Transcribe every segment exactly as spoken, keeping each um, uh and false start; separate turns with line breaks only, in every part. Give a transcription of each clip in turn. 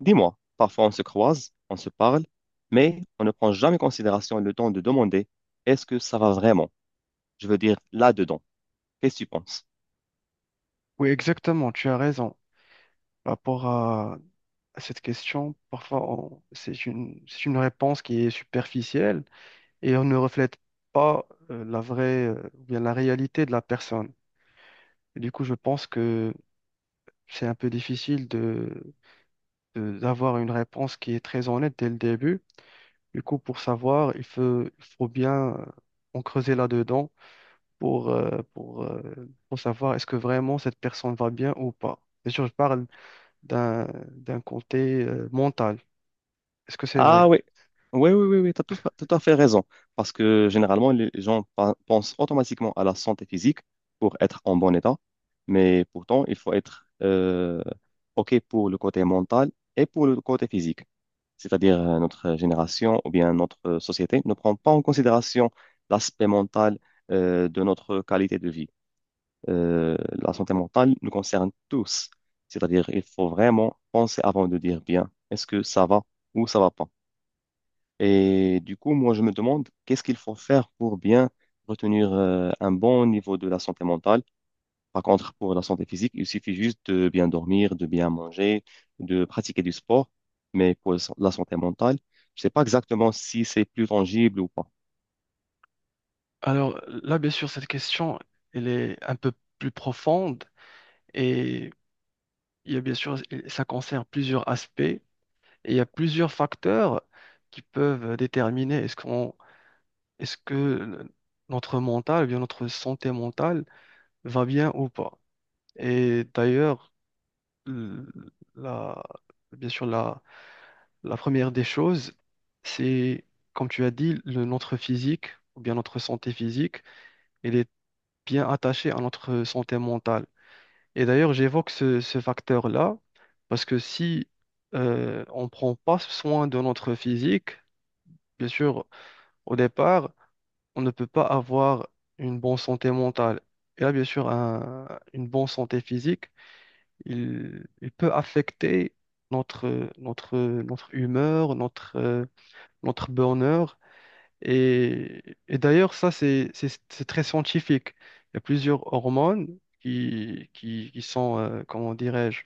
Dis-moi, parfois on se croise, on se parle, mais on ne prend jamais en considération le temps de demander est-ce que ça va vraiment? Je veux dire, là-dedans. Qu'est-ce que tu penses?
Oui, exactement, tu as raison. Par rapport à à cette question, parfois on- c'est une, c'est une réponse qui est superficielle et on ne reflète pas euh, la vraie, euh, ou bien la réalité de la personne. Et du coup, je pense que c'est un peu difficile de, de- d'avoir une réponse qui est très honnête dès le début. Du coup, pour savoir, il faut, il faut bien euh, en creuser là-dedans pour, euh, pour, euh, pour savoir est-ce que vraiment cette personne va bien ou pas. Bien sûr, je parle d'un d'un côté euh, mental. Est-ce que c'est
Ah
vrai?
oui, oui, oui, oui, oui, tu as tout, tout à fait raison. Parce que généralement, les gens pa- pensent automatiquement à la santé physique pour être en bon état, mais pourtant, il faut être euh, OK pour le côté mental et pour le côté physique. C'est-à-dire euh, notre génération ou bien notre euh, société, ne prend pas en considération l'aspect mental euh, de notre qualité de vie. Euh, la santé mentale nous concerne tous, c'est-à-dire il faut vraiment penser avant de dire bien, est-ce que ça va ou ça va pas. Et du coup, moi, je me demande qu'est-ce qu'il faut faire pour bien retenir euh, un bon niveau de la santé mentale, par contre, pour la santé physique, il suffit juste de bien dormir, de bien manger, de pratiquer du sport. Mais pour la santé mentale, je ne sais pas exactement si c'est plus tangible ou pas.
Alors là, bien sûr, cette question, elle est un peu plus profonde et il y a bien sûr, ça concerne plusieurs aspects et il y a plusieurs facteurs qui peuvent déterminer est-ce qu'on, est-ce que le- notre mental, ou bien notre santé mentale va bien ou pas. Et d'ailleurs, l- la, bien sûr, la, La première des choses, c'est, comme tu as dit, le- notre physique, ou bien notre santé physique, elle est bien attachée à notre santé mentale. Et d'ailleurs, j'évoque ce, ce facteur-là, parce que si euh, on ne prend pas soin de notre physique, bien sûr, au départ, on ne peut pas avoir une bonne santé mentale. Et là, bien sûr, un- une bonne santé physique, il, il peut affecter notre, notre, notre humeur, notre, euh, notre bonheur. Et, et d'ailleurs, ça, c'est c'est- c'est très scientifique. Il y a plusieurs hormones qui, qui, qui sont, euh, comment dirais-je,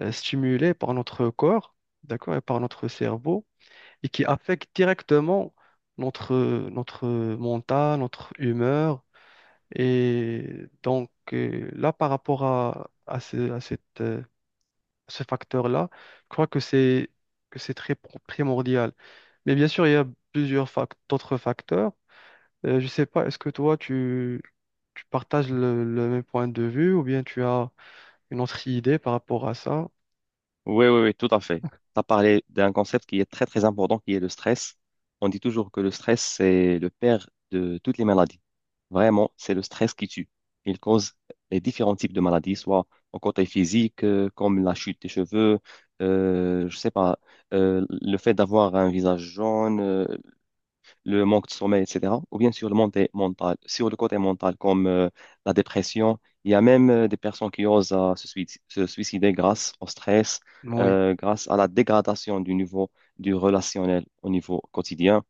euh, stimulées par notre corps, d'accord, et par notre cerveau, et qui affectent directement notre, notre mental, notre humeur. Et donc, euh, là, par rapport à, à ce, à cette, euh, ce facteur-là, je crois que c'est que c'est très pro- primordial. Mais bien sûr, il y a plusieurs fac- d'autres facteurs. Euh, je sais pas, est-ce que toi, tu, tu partages le, le même point de vue ou bien tu as une autre idée par rapport à ça?
Oui, oui, oui, tout à fait. Tu as parlé d'un concept qui est très, très important, qui est le stress. On dit toujours que le stress, c'est le père de toutes les maladies. Vraiment, c'est le stress qui tue. Il cause les différents types de maladies, soit au côté physique, euh, comme la chute des cheveux, euh, je sais pas, euh, le fait d'avoir un visage jaune, euh, le manque de sommeil, et cætera. Ou bien sur le côté mental, sur le côté mental comme euh, la dépression. Il y a même euh, des personnes qui osent euh, se suic- se suicider grâce au stress,
Oui.
euh, grâce à la dégradation du niveau du relationnel au niveau quotidien.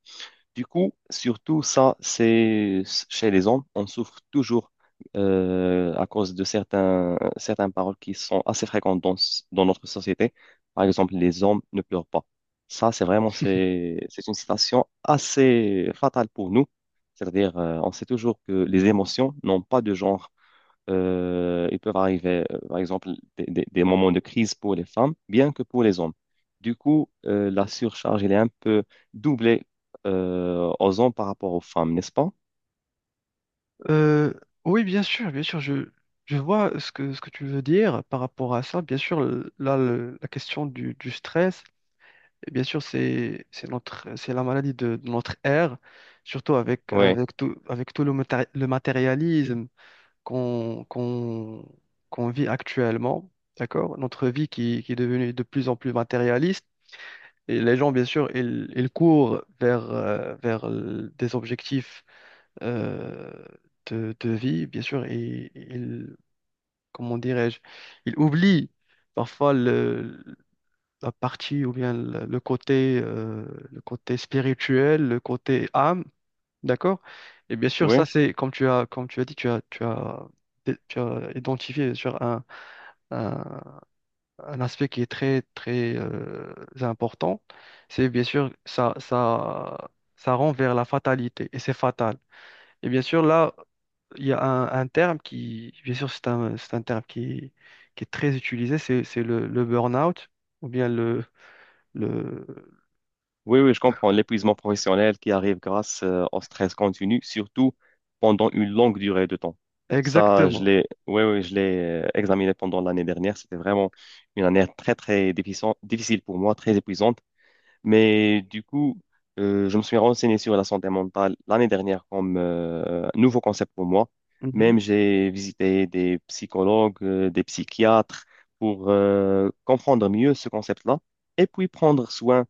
Du coup, surtout ça, c'est chez les hommes, on souffre toujours euh, à cause de certains, certaines paroles qui sont assez fréquentes dans, dans notre société. Par exemple, les hommes ne pleurent pas. Ça, c'est vraiment c'est, c'est une citation assez fatale pour nous. C'est-à-dire, euh, on sait toujours que les émotions n'ont pas de genre. Euh, ils peuvent arriver, euh, par exemple, des, des- des moments de crise pour les femmes, bien que pour les hommes. Du coup, euh, la surcharge, elle est un peu doublée euh, aux hommes par rapport aux femmes, n'est-ce pas?
Euh, oui, bien sûr, bien sûr, je, je vois ce que, ce que tu veux dire par rapport à ça. Bien sûr, le- là, le- la question du, du stress, et bien sûr, c'est, c'est notre, c'est la maladie de, de notre ère, surtout avec,
Oui,
avec tout, avec tout le, maté- le matérialisme. qu'on qu'on qu'on vit actuellement, d'accord? Notre vie qui, qui est devenue de plus en plus matérialiste. Et les gens, bien sûr, ils, ils courent vers, euh, vers l- des objectifs euh, de, de vie, bien sûr, et ils, comment dirais-je, ils oublient parfois le, la partie ou bien le, le côté, euh, le côté spirituel, le côté âme. D'accord? Et bien sûr,
oui,
ça, c'est comme tu as, comme tu as dit, tu as, tu as, tu as identifié sur un, un, un aspect qui est très, très euh, important. C'est bien sûr, ça, ça, ça rend vers la fatalité et c'est fatal. Et bien sûr, là, il y a un, un terme qui, bien sûr, c'est un, c'est un terme qui, qui est très utilisé, c'est, c'est le, le burn-out ou bien le, le...
oui, oui, je comprends. L'épuisement professionnel qui arrive grâce euh, au stress continu, surtout pendant une longue durée de temps. Ça, je
Exactement.
l'ai, oui, oui, je l'ai euh, examiné pendant l'année dernière. C'était vraiment une année très, très difficile, difficile pour moi, très épuisante. Mais du coup, euh, je me suis renseigné sur la santé mentale l'année dernière comme euh, un nouveau concept pour moi.
Mhm.
Même j'ai visité des psychologues, euh, des psychiatres pour euh, comprendre mieux ce concept-là et puis prendre soin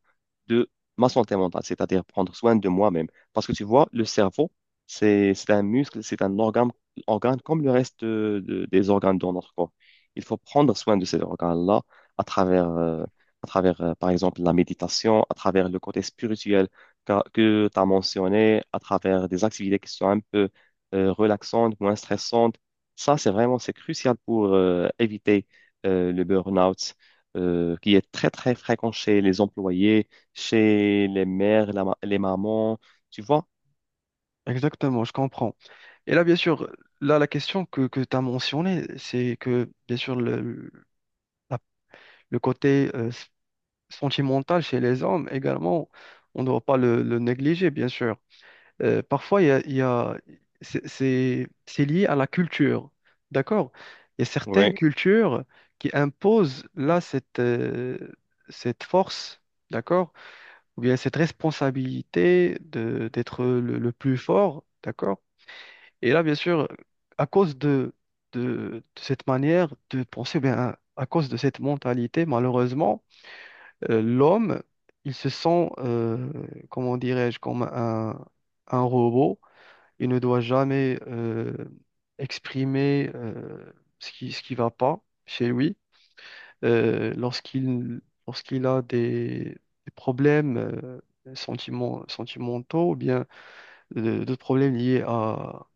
de ma santé mentale, c'est-à-dire prendre soin de moi-même. Parce que tu vois, le cerveau, c'est, c'est un muscle, c'est un organe, organe comme le reste euh, de- des organes dans notre corps. Il faut prendre soin de cet organe-là à travers euh, à travers, euh, par exemple, la méditation, à travers le côté spirituel que tu as mentionné, à travers des activités qui sont un peu euh, relaxantes, moins stressantes. Ça, c'est vraiment, c'est crucial pour euh, éviter euh, le burn-out euh, qui est très, très fréquent chez les employés, chez les mères, la ma- les mamans, tu vois?
Exactement, je comprends. Et là, bien sûr, là, la question que, que tu as mentionnée, c'est que, bien sûr, le, le la- le côté euh, s- sentimental chez les hommes également, on ne doit pas le, le négliger, bien sûr. Euh, parfois, il y a, il y a- c'est c'est- c'est lié à la culture, d'accord? Il y a certaines Mhm. cultures qui imposent là cette, euh, cette force, d'accord? Ou bien cette responsabilité de- d'être le le plus fort, d'accord? Et là, bien sûr, à cause de, de, de cette manière de penser, ou bien, à à cause de cette mentalité, malheureusement, euh, l'homme, il se sent, euh, comment dirais-je, comme un, un robot. Il ne doit jamais euh, exprimer euh, ce qui, ce qui va pas chez lui. Euh, lorsqu'il, lorsqu'il a des, des problèmes euh, sentiment- sentimentaux, ou bien euh, d'autres problèmes liés à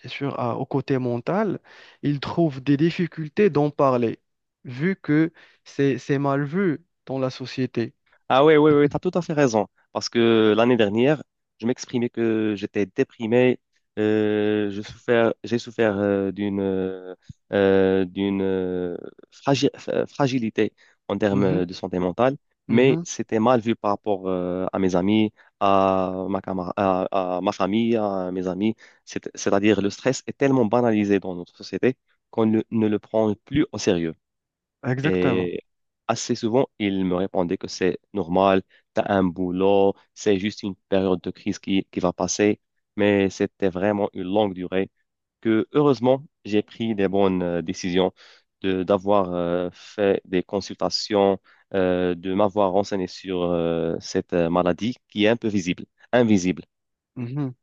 bien sûr, à- au côté mental, ils trouvent des difficultés d'en parler, vu que c'est c'est mal vu dans la société.
Ah oui, oui, oui, tu as tout à fait raison. Parce que l'année dernière, je m'exprimais que j'étais déprimé, euh, je souffert, j'ai souffert euh, d'une euh, euh, d'une euh, fragi- euh, fragilité en
Mhm,
termes de santé mentale, mais
mhm,
c'était mal vu par rapport euh, à mes amis, à ma, camar- à, à ma famille, à mes amis. C'est- C'est-à-dire, le stress est tellement banalisé dans notre société qu'on ne ne le prend plus au sérieux.
exactement.
Et assez souvent, il me répondait que c'est normal, t'as un boulot, c'est juste une période de crise qui, qui va passer. Mais c'était vraiment une longue durée que, heureusement, j'ai pris des bonnes euh, décisions de, d'avoir euh, fait des consultations, euh, de m'avoir renseigné sur euh, cette euh, maladie qui est un peu visible, invisible.
Mhm,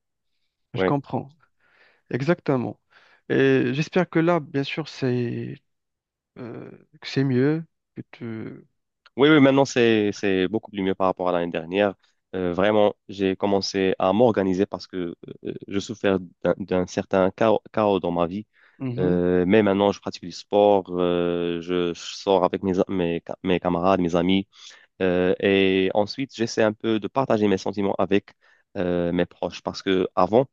je
Ouais.
comprends. Exactement. Et j'espère que là, bien sûr, c'est euh, que c'est mieux que tu.
Oui, oui, maintenant c'est c'est beaucoup plus mieux par rapport à l'année dernière. Euh, vraiment, j'ai commencé à m'organiser parce que euh, je souffrais d'un d'un certain chaos, chaos dans ma vie.
Mhm,
Euh, mais maintenant, je pratique du sport, euh, je, je sors avec mes, a- mes, ca- mes camarades, mes amis. Euh, et ensuite, j'essaie un peu de partager mes sentiments avec euh, mes proches parce que avant,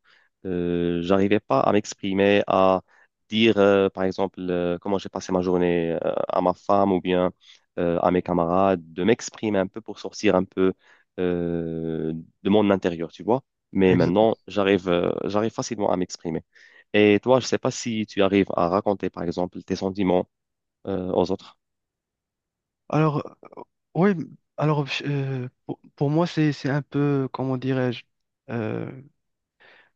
euh, j'arrivais pas à m'exprimer, à dire, euh, par exemple, euh, comment j'ai passé ma journée euh, à ma femme ou bien euh, à mes camarades, de m'exprimer un peu pour sortir un peu euh, de mon intérieur, tu vois. Mais
exa-
maintenant, j'arrive, euh, j'arrive facilement à m'exprimer. Et toi, je sais pas si tu arrives à raconter, par exemple, tes sentiments euh, aux autres.
Alors, oui, alors euh, pour, pour moi, c'est c'est un peu, comment dirais-je, euh,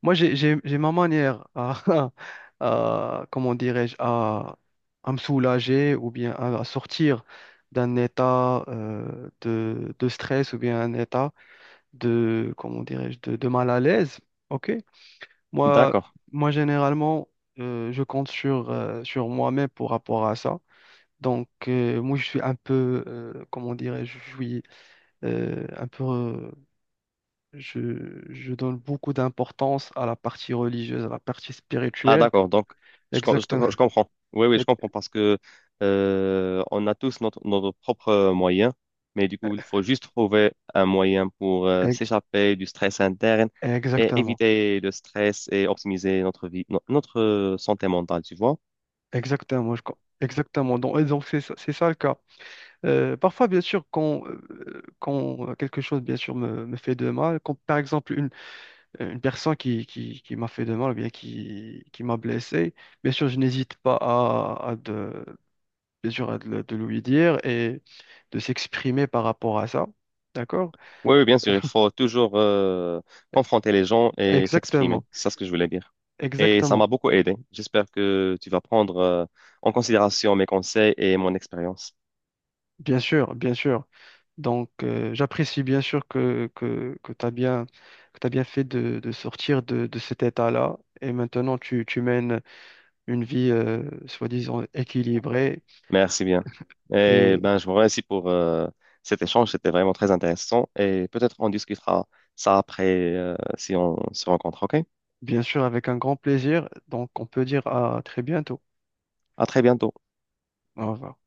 Moi, j'ai, j'ai, j'ai ma manière à, à- comment dirais-je, à, à me soulager ou bien à, à sortir d'un état euh, de, de stress ou bien un état de, comment dirais-je, de, de mal à l'aise. OK? Moi,
D'accord.
moi généralement, euh, je compte sur, euh, sur moi-même pour rapport à ça. Donc, euh, moi, je suis un peu, euh, comment dirais-je, je suis euh, un peu je, je donne beaucoup d'importance à la partie religieuse, à la partie
Ah
spirituelle.
d'accord, donc je, com- je,
Exactement.
te- je comprends. Oui, oui, je
Ex-
comprends parce que euh, on a tous notre, notre propre euh, moyen, mais du coup, il faut juste trouver un moyen pour euh,
ex-
s'échapper du stress interne et
Exactement.
éviter le stress et optimiser notre vie, no- notre euh, santé mentale, tu vois.
Exactement. je com- Exactement. Donc, et donc c'est ça, c'est ça le cas. Euh, parfois, bien sûr, quand, euh, quand quelque chose, bien sûr, me, me fait de mal, quand, par exemple, une, une personne qui, qui, qui m'a fait de mal ou bien qui, qui m'a blessé, bien sûr, je n'hésite pas à, à de, bien sûr, à de, le- de lui dire et de s'exprimer par rapport à ça. D'accord?
Oui, oui, bien sûr, il faut toujours euh, confronter les gens et s'exprimer.
Exactement.
C'est ça ce que je voulais dire. Et ça
Exactement.
m'a beaucoup aidé. J'espère que tu vas prendre euh, en considération mes conseils et mon expérience.
Bien sûr, bien sûr. Donc, euh, j'apprécie bien sûr que, que, que tu as bien, que t'as bien fait de, de sortir de, de cet état-là. Et maintenant, tu, tu mènes une vie, euh, soi-disant, équilibrée.
Merci bien. Et
Et
ben, je vous remercie pour euh, cet échange. C'était vraiment très intéressant. Et peut-être on discutera ça après euh, si on se rencontre. OK?
bien sûr, avec un grand plaisir. Donc, on peut dire à très bientôt.
À très bientôt.
Au revoir.